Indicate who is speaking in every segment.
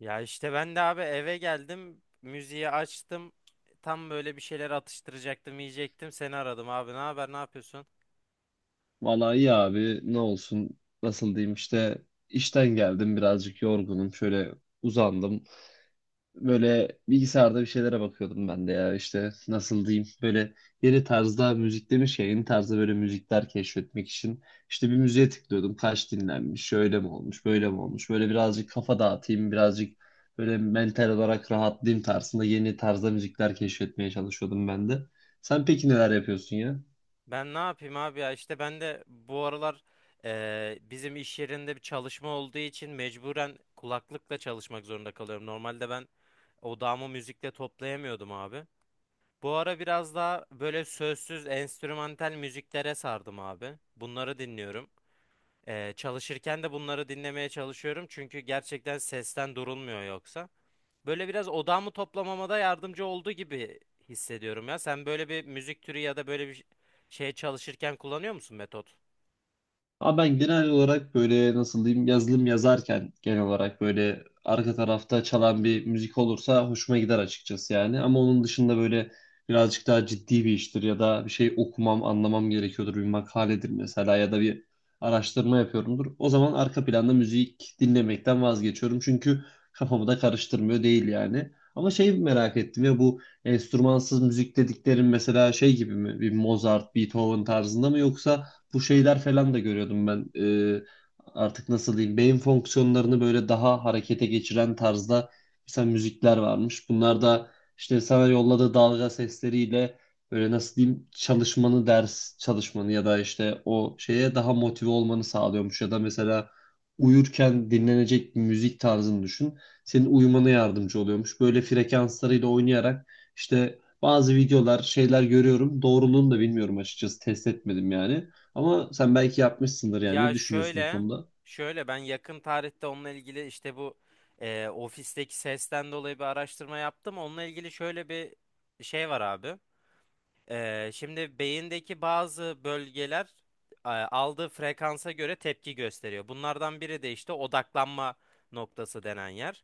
Speaker 1: Ya işte ben de abi eve geldim, müziği açtım. Tam böyle bir şeyler atıştıracaktım, yiyecektim. Seni aradım abi. Ne haber, ne yapıyorsun?
Speaker 2: Valla iyi abi, ne olsun, nasıl diyeyim işte işten geldim, birazcık yorgunum, şöyle uzandım, böyle bilgisayarda bir şeylere bakıyordum ben de. Ya işte nasıl diyeyim, böyle yeni tarzda müzik demiş ya, yeni tarzda böyle müzikler keşfetmek için işte bir müziğe tıklıyordum, kaç dinlenmiş, şöyle mi olmuş, böyle mi olmuş, böyle birazcık kafa dağıtayım birazcık, böyle mental olarak rahatlayayım tarzında yeni tarzda müzikler keşfetmeye çalışıyordum ben de. Sen peki neler yapıyorsun ya?
Speaker 1: Ben ne yapayım abi ya? İşte ben de bu aralar bizim iş yerinde bir çalışma olduğu için mecburen kulaklıkla çalışmak zorunda kalıyorum. Normalde ben odağımı müzikle toplayamıyordum abi. Bu ara biraz daha böyle sözsüz, enstrümantal müziklere sardım abi. Bunları dinliyorum. Çalışırken de bunları dinlemeye çalışıyorum çünkü gerçekten sesten durulmuyor yoksa. Böyle biraz odağımı toplamama da yardımcı olduğu gibi hissediyorum ya. Sen böyle bir müzik türü ya da böyle bir şey çalışırken kullanıyor musun, metot?
Speaker 2: Ama ben genel olarak böyle nasıl diyeyim yazılım yazarken genel olarak böyle arka tarafta çalan bir müzik olursa hoşuma gider açıkçası yani. Ama onun dışında böyle birazcık daha ciddi bir iştir ya da bir şey okumam, anlamam gerekiyordur. Bir makaledir mesela ya da bir araştırma yapıyorumdur. O zaman arka planda müzik dinlemekten vazgeçiyorum. Çünkü kafamı da karıştırmıyor değil yani. Ama şey merak ettim ya, bu enstrümansız müzik dediklerin mesela şey gibi mi? Bir Mozart, Beethoven tarzında mı, yoksa bu şeyler falan da görüyordum ben. Artık nasıl diyeyim beyin fonksiyonlarını böyle daha harekete geçiren tarzda mesela müzikler varmış. Bunlar da işte sana yolladığı dalga sesleriyle böyle nasıl diyeyim çalışmanı, ders çalışmanı ya da işte o şeye daha motive olmanı sağlıyormuş ya da mesela uyurken dinlenecek bir müzik tarzını düşün. Senin uyumana yardımcı oluyormuş. Böyle frekanslarıyla oynayarak işte bazı videolar, şeyler görüyorum. Doğruluğunu da bilmiyorum açıkçası. Test etmedim yani. Ama sen belki yapmışsındır yani. Ne
Speaker 1: Ya
Speaker 2: düşünüyorsun bu
Speaker 1: şöyle,
Speaker 2: konuda?
Speaker 1: şöyle ben yakın tarihte onunla ilgili işte bu ofisteki sesten dolayı bir araştırma yaptım. Onunla ilgili şöyle bir şey var abi. Şimdi beyindeki bazı bölgeler aldığı frekansa göre tepki gösteriyor. Bunlardan biri de işte odaklanma noktası denen yer.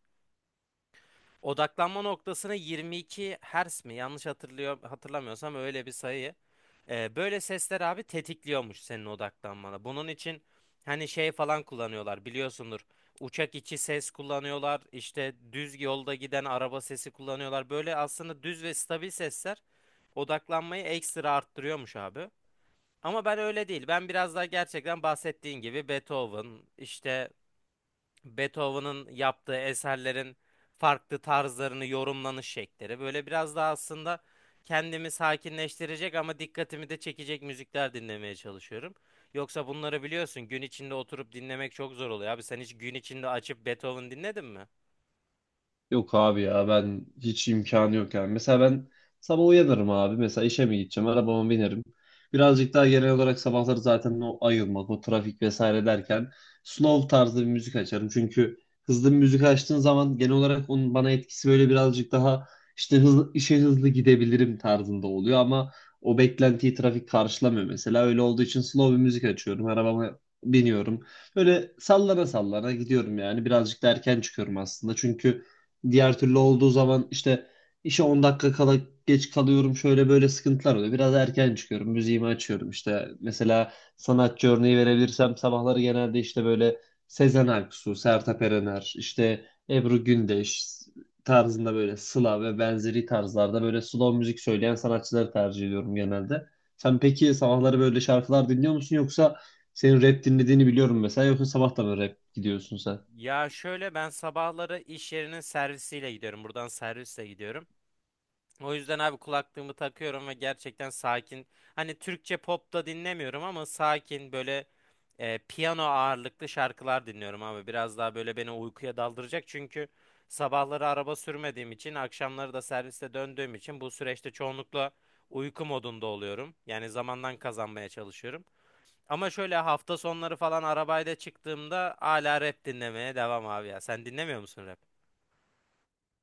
Speaker 1: Odaklanma noktasına 22 Hz mi? Yanlış hatırlıyor hatırlamıyorsam öyle bir sayı. Böyle sesler abi tetikliyormuş senin odaklanmana. Bunun için hani şey falan kullanıyorlar, biliyorsundur. Uçak içi ses kullanıyorlar. İşte düz yolda giden araba sesi kullanıyorlar. Böyle aslında düz ve stabil sesler odaklanmayı ekstra arttırıyormuş abi. Ama ben öyle değil. Ben biraz daha gerçekten bahsettiğin gibi Beethoven, işte Beethoven'ın yaptığı eserlerin farklı tarzlarını yorumlanış şekilleri. Böyle biraz daha aslında kendimi sakinleştirecek ama dikkatimi de çekecek müzikler dinlemeye çalışıyorum. Yoksa bunları biliyorsun, gün içinde oturup dinlemek çok zor oluyor. Abi sen hiç gün içinde açıp Beethoven dinledin mi?
Speaker 2: Yok abi ya, ben hiç imkanı yok yani. Mesela ben sabah uyanırım abi. Mesela işe mi gideceğim? Arabama binerim. Birazcık daha genel olarak sabahları zaten o ayılmak, o trafik vesaire derken slow tarzda bir müzik açarım. Çünkü hızlı bir müzik açtığın zaman genel olarak onun bana etkisi böyle birazcık daha işte hızlı, işe hızlı gidebilirim tarzında oluyor, ama o beklentiyi trafik karşılamıyor mesela. Öyle olduğu için slow bir müzik açıyorum. Arabama biniyorum. Böyle sallana sallana gidiyorum yani. Birazcık da erken çıkıyorum aslında. Çünkü diğer türlü olduğu zaman işte işe 10 dakika kala geç kalıyorum, şöyle böyle sıkıntılar oluyor. Biraz erken çıkıyorum, müziğimi açıyorum. İşte mesela sanatçı örneği verebilirsem, sabahları genelde işte böyle Sezen Aksu, Sertab Erener, işte Ebru Gündeş tarzında, böyle Sıla ve benzeri tarzlarda, böyle slow müzik söyleyen sanatçıları tercih ediyorum genelde. Sen peki sabahları böyle şarkılar dinliyor musun, yoksa senin rap dinlediğini biliyorum mesela, yoksa sabah da mı rap gidiyorsun sen?
Speaker 1: Ya şöyle, ben sabahları iş yerinin servisiyle gidiyorum. Buradan servisle gidiyorum. O yüzden abi kulaklığımı takıyorum ve gerçekten sakin. Hani Türkçe pop da dinlemiyorum ama sakin böyle piyano ağırlıklı şarkılar dinliyorum abi. Biraz daha böyle beni uykuya daldıracak çünkü sabahları araba sürmediğim için, akşamları da serviste döndüğüm için bu süreçte çoğunlukla uyku modunda oluyorum. Yani zamandan kazanmaya çalışıyorum. Ama şöyle hafta sonları falan arabayla çıktığımda hala rap dinlemeye devam abi ya. Sen dinlemiyor musun rap?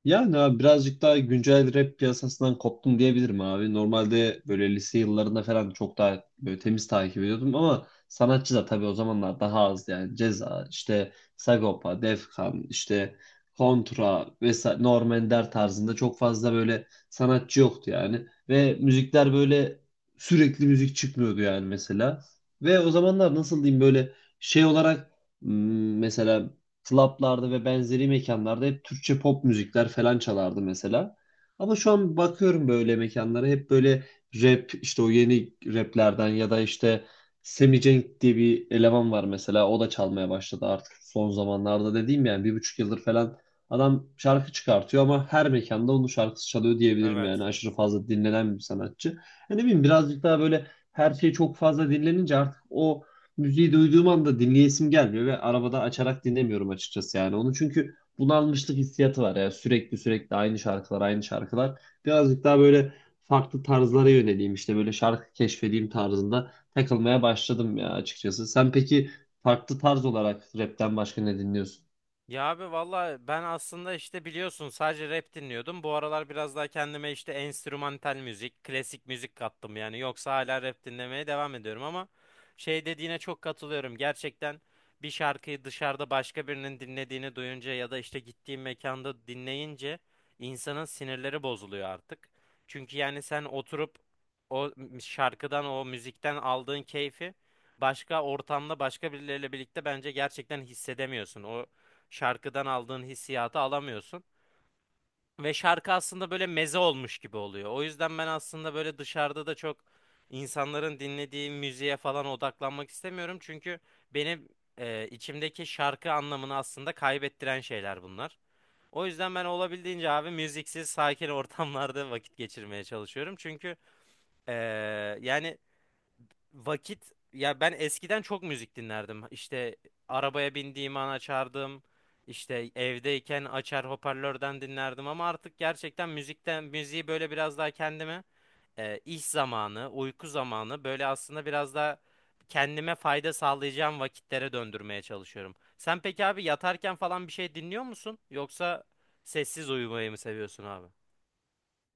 Speaker 2: Yani abi, birazcık daha güncel rap piyasasından koptum diyebilirim abi. Normalde böyle lise yıllarında falan çok daha böyle temiz takip ediyordum, ama sanatçı da tabii o zamanlar daha az yani. Ceza, işte Sagopa, Defkan, işte Kontra vesaire Norm Ender tarzında çok fazla böyle sanatçı yoktu yani. Ve müzikler böyle sürekli müzik çıkmıyordu yani mesela. Ve o zamanlar nasıl diyeyim böyle şey olarak mesela klaplarda ve benzeri mekanlarda hep Türkçe pop müzikler falan çalardı mesela. Ama şu an bakıyorum böyle mekanlara hep böyle rap, işte o yeni raplerden ya da işte Semi Cenk diye bir eleman var mesela, o da çalmaya başladı artık son zamanlarda, dediğim yani 1,5 yıldır falan adam şarkı çıkartıyor ama her mekanda onun şarkısı çalıyor diyebilirim yani,
Speaker 1: Evet.
Speaker 2: aşırı fazla dinlenen bir sanatçı. E ne bileyim, birazcık daha böyle her şey çok fazla dinlenince artık o müziği duyduğum anda dinleyesim gelmiyor ve arabada açarak dinlemiyorum açıkçası yani onu, çünkü bunalmışlık hissiyatı var ya, sürekli sürekli aynı şarkılar aynı şarkılar, birazcık daha böyle farklı tarzlara yöneleyim, işte böyle şarkı keşfedeyim tarzında takılmaya başladım ya açıkçası. Sen peki farklı tarz olarak rapten başka ne dinliyorsun?
Speaker 1: Ya abi valla ben aslında işte biliyorsun sadece rap dinliyordum. Bu aralar biraz daha kendime işte enstrümantal müzik, klasik müzik kattım yani. Yoksa hala rap dinlemeye devam ediyorum ama şey dediğine çok katılıyorum. Gerçekten bir şarkıyı dışarıda başka birinin dinlediğini duyunca ya da işte gittiğim mekanda dinleyince insanın sinirleri bozuluyor artık. Çünkü yani sen oturup o şarkıdan, o müzikten aldığın keyfi başka ortamda başka birileriyle birlikte bence gerçekten hissedemiyorsun. O şarkıdan aldığın hissiyatı alamıyorsun. Ve şarkı aslında böyle meze olmuş gibi oluyor. O yüzden ben aslında böyle dışarıda da çok insanların dinlediği müziğe falan odaklanmak istemiyorum. Çünkü benim içimdeki şarkı anlamını aslında kaybettiren şeyler bunlar. O yüzden ben olabildiğince abi müziksiz, sakin ortamlarda vakit geçirmeye çalışıyorum. Çünkü e, yani vakit, ya ben eskiden çok müzik dinlerdim. İşte arabaya bindiğim an açardım. İşte evdeyken açar hoparlörden dinlerdim ama artık gerçekten müzikten müziği böyle biraz daha kendime iş zamanı, uyku zamanı böyle aslında biraz daha kendime fayda sağlayacağım vakitlere döndürmeye çalışıyorum. Sen peki abi yatarken falan bir şey dinliyor musun? Yoksa sessiz uyumayı mı seviyorsun abi?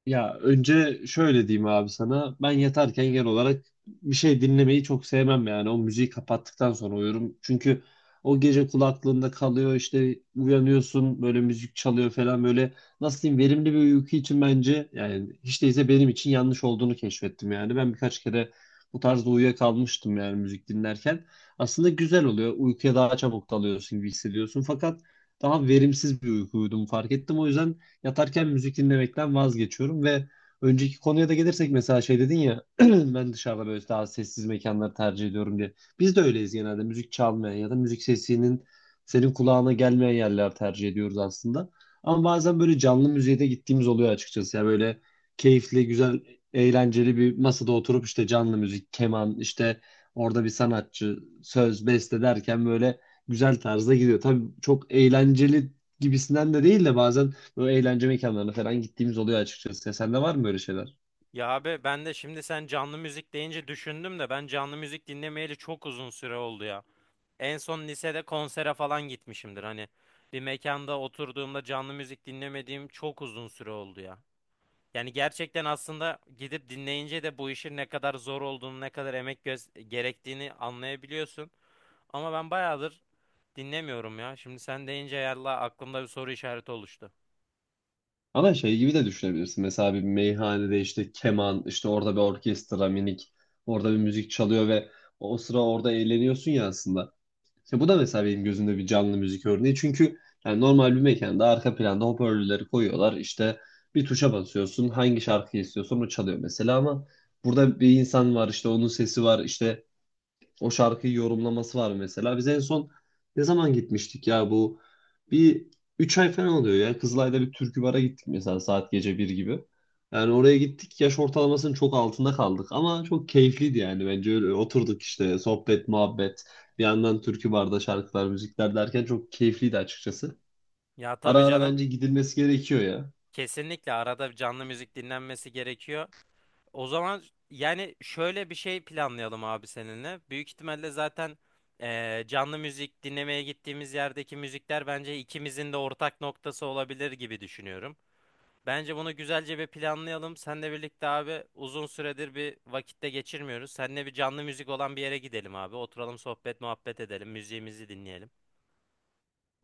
Speaker 2: Ya önce şöyle diyeyim abi sana. Ben yatarken genel olarak bir şey dinlemeyi çok sevmem yani. O müziği kapattıktan sonra uyurum. Çünkü o gece kulaklığında kalıyor işte, uyanıyorsun böyle, müzik çalıyor falan böyle. Nasıl diyeyim, verimli bir uyku için bence yani, hiç değilse benim için yanlış olduğunu keşfettim yani. Ben birkaç kere bu tarzda uyuyakalmıştım yani müzik dinlerken. Aslında güzel oluyor. Uykuya daha çabuk dalıyorsun gibi hissediyorsun. Fakat daha verimsiz bir uykuydum, fark ettim. O yüzden yatarken müzik dinlemekten vazgeçiyorum. Ve önceki konuya da gelirsek, mesela şey dedin ya ben dışarıda böyle daha sessiz mekanları tercih ediyorum diye. Biz de öyleyiz, genelde müzik çalmayan ya da müzik sesinin senin kulağına gelmeyen yerler tercih ediyoruz aslında. Ama bazen böyle canlı müziğe de gittiğimiz oluyor açıkçası. Ya böyle keyifli, güzel, eğlenceli bir masada oturup işte canlı müzik, keman, işte orada bir sanatçı, söz, beste derken böyle güzel tarzda gidiyor. Tabii çok eğlenceli gibisinden de değil de bazen böyle eğlence mekanlarına falan gittiğimiz oluyor açıkçası. Ya sende var mı böyle şeyler?
Speaker 1: Ya abi ben de şimdi sen canlı müzik deyince düşündüm de ben canlı müzik dinlemeyeli çok uzun süre oldu ya. En son lisede konsere falan gitmişimdir, hani bir mekanda oturduğumda canlı müzik dinlemediğim çok uzun süre oldu ya. Yani gerçekten aslında gidip dinleyince de bu işin ne kadar zor olduğunu, ne kadar emek gerektiğini anlayabiliyorsun. Ama ben bayağıdır dinlemiyorum ya. Şimdi sen deyince yallah aklımda bir soru işareti oluştu.
Speaker 2: Ama şey gibi de düşünebilirsin. Mesela bir meyhanede işte keman, işte orada bir orkestra minik, orada bir müzik çalıyor ve o sıra orada eğleniyorsun ya aslında. İşte bu da mesela benim gözümde bir canlı müzik örneği. Çünkü yani normal bir mekanda arka planda hoparlörleri koyuyorlar. İşte bir tuşa basıyorsun, hangi şarkıyı istiyorsan o çalıyor mesela, ama burada bir insan var işte, onun sesi var işte, o şarkıyı yorumlaması var mesela. Biz en son ne zaman gitmiştik ya bu? Bir 3 ay falan oluyor ya. Kızılay'da bir türkü bara gittik mesela, saat gece bir gibi. Yani oraya gittik, yaş ortalamasının çok altında kaldık ama çok keyifliydi yani bence, öyle oturduk işte sohbet muhabbet, bir yandan türkü barda şarkılar müzikler derken çok keyifliydi açıkçası.
Speaker 1: Ya
Speaker 2: Ara
Speaker 1: tabii
Speaker 2: ara
Speaker 1: canım,
Speaker 2: bence gidilmesi gerekiyor ya.
Speaker 1: kesinlikle arada bir canlı müzik dinlenmesi gerekiyor. O zaman yani şöyle bir şey planlayalım abi seninle. Büyük ihtimalle zaten canlı müzik dinlemeye gittiğimiz yerdeki müzikler bence ikimizin de ortak noktası olabilir gibi düşünüyorum. Bence bunu güzelce bir planlayalım. Seninle birlikte abi uzun süredir bir vakitte geçirmiyoruz. Seninle bir canlı müzik olan bir yere gidelim abi. Oturalım sohbet muhabbet edelim. Müziğimizi dinleyelim.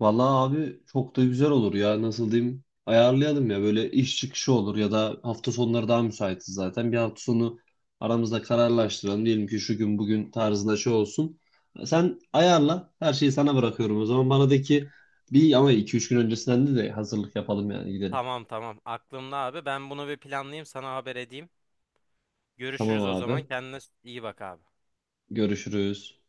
Speaker 2: Vallahi abi, çok da güzel olur ya, nasıl diyeyim, ayarlayalım ya böyle, iş çıkışı olur ya da hafta sonları daha müsaitiz zaten, bir hafta sonu aramızda kararlaştıralım, diyelim ki şu gün bugün tarzında şey olsun, sen ayarla her şeyi, sana bırakıyorum o zaman, bana de ki bir, ama iki üç gün öncesinden de hazırlık yapalım yani, gidelim.
Speaker 1: Tamam, tamam, aklımda abi. Ben bunu bir planlayayım, sana haber edeyim.
Speaker 2: Tamam
Speaker 1: Görüşürüz o zaman.
Speaker 2: abi,
Speaker 1: Kendine iyi bak abi.
Speaker 2: görüşürüz.